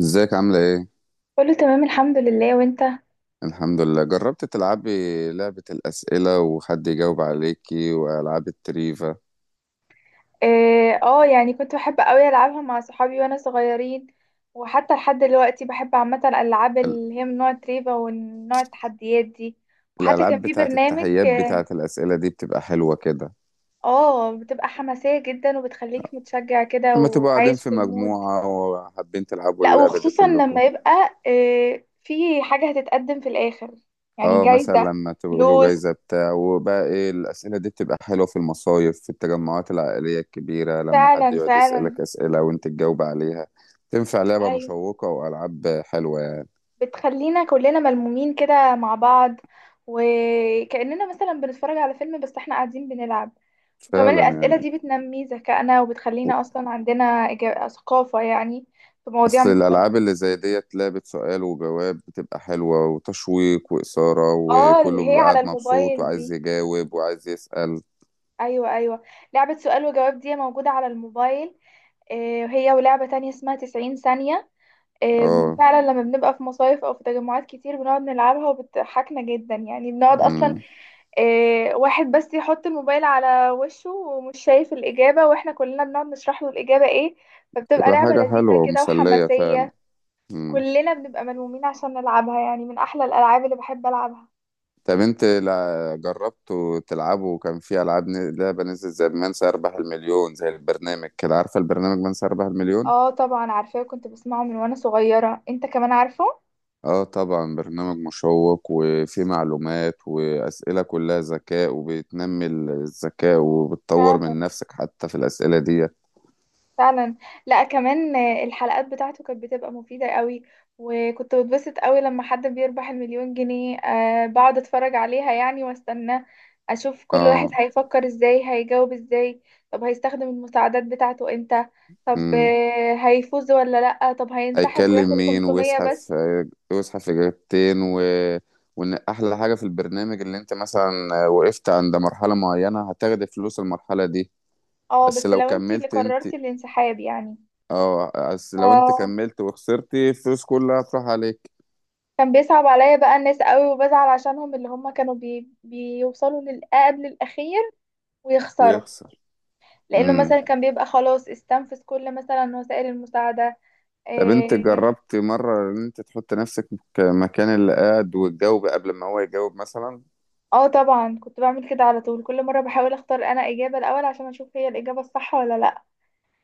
ازيك عاملة ايه؟ كله تمام الحمد لله، وانت؟ الحمد لله. جربت تلعبي لعبة الأسئلة وحد يجاوب عليكي وألعاب التريفا؟ اه، يعني كنت بحب قوي العبها مع صحابي وانا صغيرين. وحتى لحد دلوقتي بحب عامه الالعاب ال- اللي هي من نوع تريفا ونوع التحديات دي. وحتى كان الألعاب في بتاعة برنامج. التحيات بتاعة الأسئلة دي بتبقى حلوة كده اه، بتبقى حماسيه جدا وبتخليك متشجع كده لما تبقوا قاعدين وعايش في في المود. مجموعة وحابين تلعبوا لا، اللعبة دي وخصوصا كلكم؟ لما يبقى في حاجه هتتقدم في الاخر، يعني اه، مثلا جايزه، لما تبقوا له جايزة فلوس. بتاع. وبقى ايه، الأسئلة دي بتبقى حلوة في المصايف، في التجمعات العائلية الكبيرة لما حد فعلا يقعد فعلا. يسألك أسئلة وانت تجاوب عليها. تنفع لعبة أيوة. مشوقة وألعاب حلوة يعني. بتخلينا كلنا ملمومين كده مع بعض، وكأننا مثلا بنتفرج على فيلم بس احنا قاعدين بنلعب. وكمان فعلا الأسئلة يعني دي بتنمي ذكائنا وبتخلينا أصلا عندنا ثقافة، يعني في مواضيع اصل مختلفة. الالعاب اللي زي ديت لعبة سؤال وجواب بتبقى حلوة وتشويق وإثارة، اه، اللي وكله هي بيبقى على قاعد مبسوط الموبايل وعايز دي. يجاوب وعايز يسأل. أيوة أيوة، لعبة سؤال وجواب دي موجودة على الموبايل. هي ولعبة تانية اسمها 90 ثانية. اه. فعلا لما بنبقى في مصايف أو في تجمعات كتير بنقعد نلعبها وبتضحكنا جدا، يعني بنقعد أصلا امم إيه، واحد بس يحط الموبايل على وشه ومش شايف الإجابة واحنا كلنا بنقعد نشرح له الإجابة ايه. فبتبقى بتبقى لعبة حاجة لذيذة حلوة كده ومسلية فعلا. وحماسية، امم وكلنا بنبقى ملمومين عشان نلعبها، يعني من أحلى الألعاب اللي بحب ألعبها. طب انت جربتوا تلعبوا؟ كان في العاب لعبة نزلت زي من سيربح المليون، زي البرنامج كده. عارفة البرنامج من سيربح المليون؟ اه طبعا عارفاه، كنت بسمعه من وانا صغيرة، انت كمان عارفه؟ اه طبعا، برنامج مشوق وفيه معلومات وأسئلة كلها ذكاء وبتنمي الذكاء وبتطور فعلا من نفسك حتى في الأسئلة دي. فعلا. لا، كمان الحلقات بتاعته كانت بتبقى مفيدة قوي، وكنت بتبسط قوي لما حد بيربح المليون جنيه. بقعد اتفرج عليها يعني، واستنى اشوف كل واحد اه. هيفكر ازاي، هيجاوب ازاي، طب هيستخدم المساعدات بتاعته امتى، طب امم هيفوز ولا لا، طب هينسحب هيكلم وياخد مين 500 ويزحف. بس. يزحف إجابتين وإن أحلى حاجة في البرنامج اللي أنت مثلا وقفت عند مرحلة معينة هتاخد فلوس المرحلة دي. اه بس بس لو لو انتي اللي كملت أنت. قررتي الانسحاب يعني. اه، بس لو أنت آه، كملت وخسرت الفلوس كلها هتروح عليك. كان بيصعب عليا بقى الناس قوي وبزعل عشانهم، اللي هم كانوا بيوصلوا للقاب الأخير ويخسروا، ويخسر. لانه مثلا كان بيبقى خلاص استنفذ كل مثلا وسائل المساعده. طب انت إيه، جربت مرة ان انت تحط نفسك مكان اللي قاعد وتجاوب قبل ما هو يجاوب مثلا؟ اه طبعا كنت بعمل كده على طول، كل مره بحاول اختار انا اجابه الاول عشان اشوف هي الاجابه الصح ولا لا.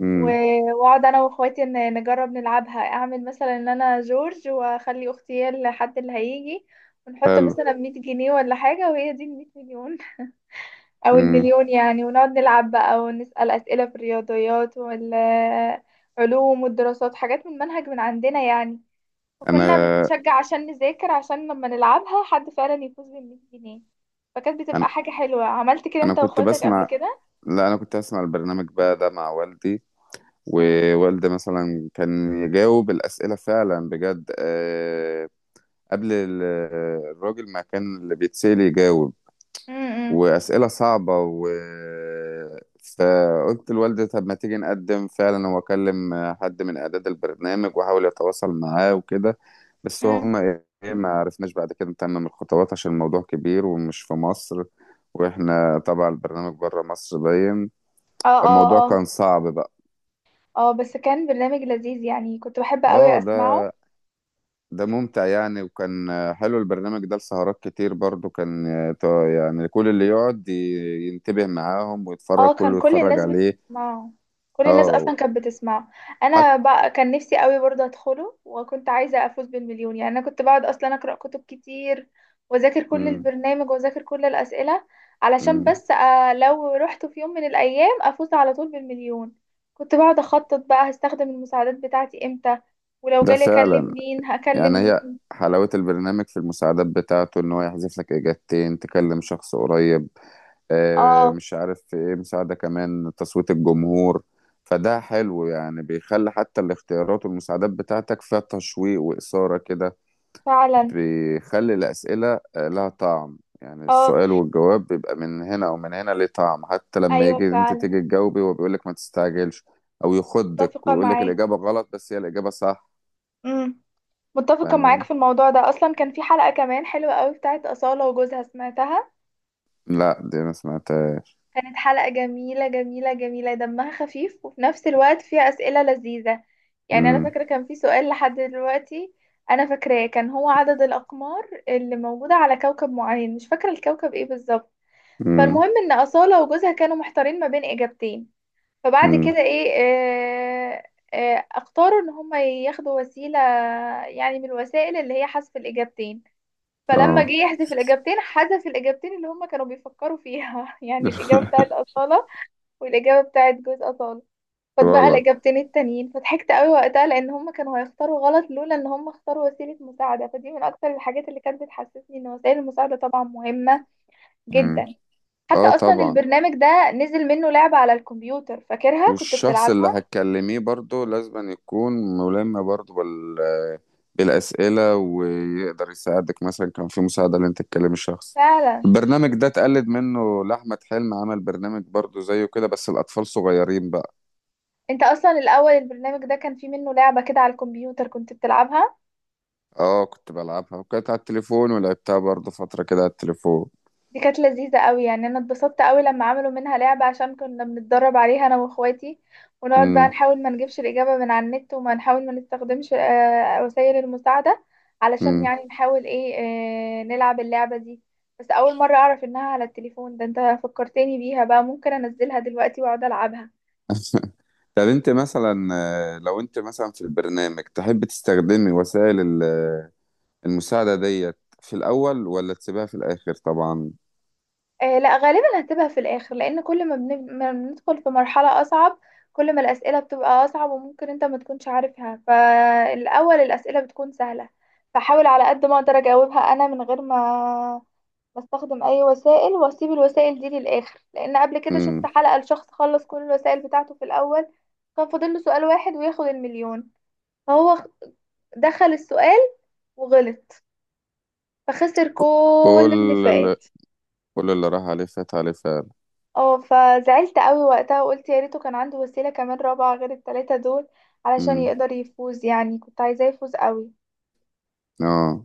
امم و- واقعد انا واخواتي نجرب نلعبها، اعمل مثلا ان انا جورج واخلي اختي هي الحد اللي هيجي، ونحط حلو. مثلا 100 جنيه ولا حاجة وهي دي ال 100 مليون أو امم المليون يعني، ونقعد نلعب بقى ونسأل أسئلة في الرياضيات وال علوم والدراسات، حاجات من منهج من عندنا يعني. فكنا انا بنتشجع عشان نذاكر، عشان لما نلعبها حد فعلا يفوز بال 100 جنيه. فكانت بتبقى انا حاجة حلوة. عملت كده انا انت كنت واخواتك قبل بسمع. كده؟ لا، انا كنت بسمع البرنامج بقى ده مع والدي. امم. ووالدي مثلا كان يجاوب الأسئلة فعلا بجد. قبل الراجل ما كان اللي بيتسأل يجاوب. امم. وأسئلة صعبة فقلت لوالدي طب ما تيجي نقدم فعلا. هو كلم حد من إعداد البرنامج وحاول يتواصل معاه وكده، بس امم. هم إيه، ما عرفناش بعد كده نتمم الخطوات عشان الموضوع كبير ومش في مصر. وإحنا طبعا البرنامج بره مصر باين. اه اه فالموضوع اه. كان صعب بقى. اه بس كان برنامج لذيذ يعني، كنت بحب قوي اه. ده اسمعه. ده ممتع يعني. وكان حلو البرنامج ده لسهرات كتير برضو، كان يعني كل اللي يقعد ينتبه معاهم ويتفرج اه كان كله كل يتفرج الناس عليه. بتسمعه، كل الناس اه، اصلا كانت بتسمعه. حتى. انا بقى كان نفسي قوي برضه ادخله، وكنت عايزه افوز بالمليون، يعني انا كنت بقعد اصلا اقرا كتب كتير واذاكر كل البرنامج واذاكر كل الاسئله، علشان بس لو رحت في يوم من الايام افوز على طول بالمليون. كنت بقعد اخطط بقى هستخدم المساعدات بتاعتي امتى، ولو ده جالي فعلا اكلم مين هكلم يعني هي مين. حلاوة البرنامج في المساعدات بتاعته ان هو يحذف لك اجابتين، تكلم شخص قريب. اه مش عارف في ايه، مساعدة كمان تصويت الجمهور. فده حلو يعني، بيخلي حتى الاختيارات والمساعدات بتاعتك فيها تشويق وإثارة كده. فعلا. بيخلي الأسئلة لها طعم. يعني اه السؤال والجواب بيبقى من هنا أو من هنا، ليه طعم حتى لما ايوه يجي أنت فعلا. تيجي تجاوبي هو بيقول لك ما تستعجلش أو يخدك متفقه ويقول لك معاك. الإجابة غلط، بس هي الإجابة صح. امم. متفقة معاك فاهماني؟ في الموضوع ده. أصلا كان في حلقة كمان حلوة قوي بتاعت أصالة وجوزها، سمعتها؟ لا دي أنا سمعتها. كانت حلقة جميلة جميلة جميلة، دمها خفيف وفي نفس الوقت فيها أسئلة لذيذة. يعني أنا امم فاكرة كان في سؤال لحد دلوقتي أنا فاكراه، كان هو عدد الأقمار اللي موجودة على كوكب معين، مش فاكرة الكوكب إيه بالظبط. امم فالمهم إن أصالة وجوزها كانوا محتارين ما بين إجابتين، فبعد كده امم إيه آه آه اختاروا إن هما ياخدوا وسيلة، يعني من الوسائل اللي هي حذف الإجابتين. فلما جه اه. يحذف الإجابتين، حذف الإجابتين اللي هما كانوا بيفكروا فيها يعني الإجابة بتاعت أصالة والإجابة بتاعت جوز أصالة، فاتبقى غلط. الإجابتين التانيين. فضحكت قوي وقتها، لأن هما كانوا هيختاروا غلط لولا إن هما اختاروا وسيلة مساعدة. فدي من أكتر الحاجات اللي كانت بتحسسني إن وسائل المساعدة طبعا مهمة امم جدا. حتى اه أصلا طبعا. البرنامج ده نزل منه لعبة على الكمبيوتر، فاكرها كنت والشخص اللي بتلعبها؟ هتكلميه برضه لازم يكون ملم برضه بالأسئلة ويقدر يساعدك. مثلا كان في مساعدة اللي انت تكلم الشخص. فعلا. البرنامج ده اتقلد منه لأحمد حلمي، عمل برنامج برضه زيه كده بس الأطفال صغيرين بقى. انت اصلا الاول البرنامج ده كان فيه منه لعبة كده على الكمبيوتر كنت بتلعبها. اه كنت بلعبها، وكانت على التليفون ولعبتها برضه فترة كده على التليفون. دي كانت لذيذة قوي، يعني انا اتبسطت قوي لما عملوا منها لعبة، عشان كنا بنتدرب عليها انا واخواتي، ونقعد بقى امم نحاول ما نجيبش الإجابة من على النت، وما نحاول ما نستخدمش وسائل المساعدة، علشان امم يعني نحاول ايه، نلعب اللعبة دي. بس اول مرة اعرف انها على التليفون، ده انت فكرتني بيها بقى، ممكن انزلها دلوقتي واقعد العبها. طب انت مثلا لو انت مثلا في البرنامج تحب تستخدمي وسائل المساعدة ديت في الأول ولا تسيبها في الآخر؟ طبعا. آه لا، غالبا هتبقى في الاخر، لان كل ما ما بندخل في مرحلة اصعب، كل ما الاسئلة بتبقى اصعب وممكن انت ما تكونش عارفها. فالاول الاسئلة بتكون سهلة، فحاول على قد ما اقدر اجاوبها انا من غير ما بستخدم اي وسائل، واسيب الوسائل دي للاخر، لان قبل كده شفت امم حلقة لشخص خلص كل الوسائل بتاعته في الاول، كان فاضل له سؤال واحد وياخد المليون، فهو دخل السؤال وغلط، فخسر كل اللي كل اللي فات. كل اللي راح عليه فات عليه فعلا. اه فزعلت قوي وقتها وقلت يا ريته كان عنده وسيلة كمان رابعة غير التلاتة دول، علشان امم يقدر يفوز، يعني كنت عايزاه يفوز قوي. اه.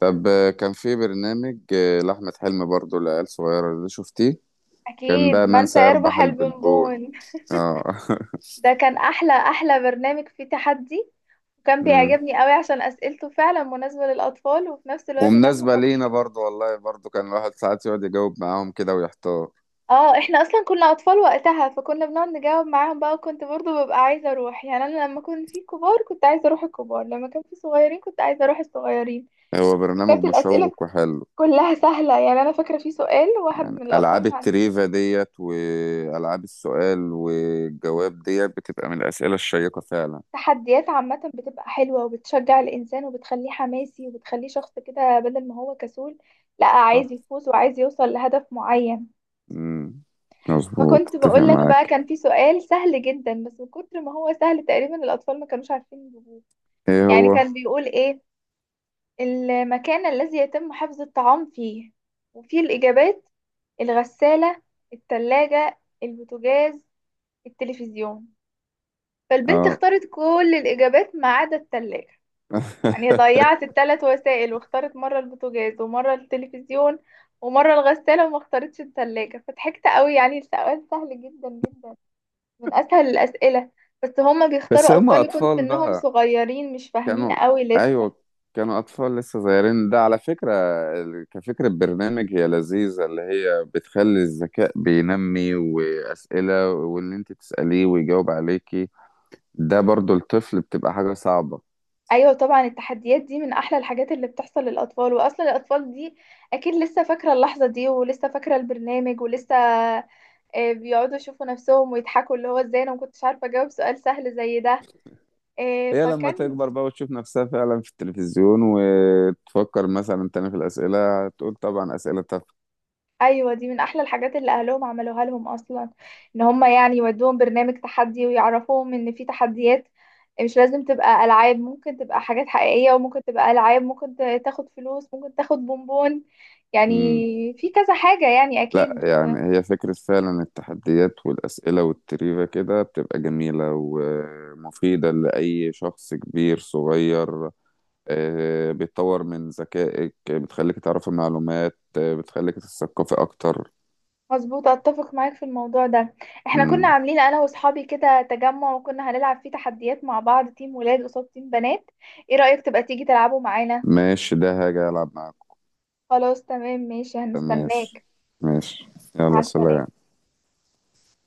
طب كان في برنامج لأحمد حلمي برضو لعيال صغيرة، ده شفتيه؟ كان اكيد، بقى من من سيربح سيربح البلبون. البونبون؟ اه ده كان احلى احلى برنامج فيه تحدي، وكان امم بيعجبني قوي عشان اسئلته فعلا مناسبة للاطفال وفي نفس الوقت دمه ومناسبة خفيف. لينا برضو والله، برضو كان الواحد ساعات يقعد يجاوب معاهم كده ويحتار. اه احنا اصلا كنا اطفال وقتها، فكنا بنقعد نجاوب معاهم بقى، وكنت برضو ببقى عايزة اروح، يعني انا لما كنت في كبار كنت عايزة اروح الكبار، لما كان في صغيرين كنت عايزة اروح الصغيرين. هو برنامج وكانت الأسئلة مشوق وحلو. كلها سهلة، يعني أنا فاكرة في سؤال واحد من ألعاب الأطفال مع. التريفا ديت وألعاب السؤال والجواب ديت بتبقى من الأسئلة الشيقة فعلا. التحديات عامة بتبقى حلوة وبتشجع الإنسان وبتخليه حماسي وبتخليه شخص كده بدل ما هو كسول، لا اه. عايز يفوز وعايز يوصل لهدف معين. امم مظبوط، فكنت اتفق بقولك بقى معاك. كان في سؤال سهل جدا، بس من كتر ما هو سهل تقريبا الأطفال ما كانوش عارفين يجيبوه. ايه يعني هو؟ كان بيقول إيه، المكان الذي يتم حفظ الطعام فيه، وفيه الإجابات: الغسالة، التلاجة، البوتاجاز، التلفزيون. فالبنت اه اختارت كل الإجابات ما عدا التلاجة، يعني ضيعت الثلاث وسائل، واختارت مرة البوتاجاز ومرة التلفزيون ومرة الغسالة، وما اختارتش التلاجة. فضحكت قوي، يعني السؤال سهل جدا جدا، من أسهل الأسئلة. بس هما بس بيختاروا هم أطفال يكون اطفال سنهم بقى. صغيرين، مش فاهمين كانوا. قوي لسه. ايوه، كانوا اطفال لسه صغيرين ده على فكره. كفكره برنامج هي لذيذه، اللي هي بتخلي الذكاء بينمي واسئله واللي انت تساليه ويجاوب عليكي. ده برضو الطفل بتبقى حاجه صعبه. أيوة طبعا، التحديات دي من أحلى الحاجات اللي بتحصل للأطفال. وأصلا الأطفال دي أكيد لسه فاكرة اللحظة دي، ولسه فاكرة البرنامج، ولسه بيقعدوا يشوفوا نفسهم ويضحكوا، اللي هو ازاي انا ما كنتش عارفه اجاوب سؤال سهل زي ده. آه، هي لما فكان تكبر بقى وتشوف نفسها فعلا في التلفزيون وتفكر مثلا تاني في الاسئله تقول طبعا اسئله ايوه دي من احلى الحاجات اللي اهلهم عملوها لهم اصلا، ان هم يعني يودوهم برنامج تحدي ويعرفوهم ان في تحديات، مش لازم تبقى العاب، ممكن تبقى حاجات حقيقيه، وممكن تبقى العاب، ممكن تاخد فلوس، ممكن تاخد بونبون يعني، تافهه. في كذا حاجه يعني لا اكيد. يعني هي فكرة فعلا، التحديات والأسئلة والتريفة كده بتبقى جميلة ومفيدة لأي شخص كبير صغير. بتطور من ذكائك، بتخليك تعرف المعلومات، بتخليك تتثقفي أكتر. مظبوط، اتفق معاك في الموضوع ده. احنا كنا مم. عاملين انا واصحابي كده تجمع، وكنا هنلعب فيه تحديات مع بعض، تيم ولاد قصاد تيم بنات. ايه رأيك تبقى تيجي تلعبوا معانا؟ ماشي ده هاجي ألعب معاكم. خلاص تمام، ماشي، ماشي. هنستناك. ماشي. مع يلا السلامة. سلام.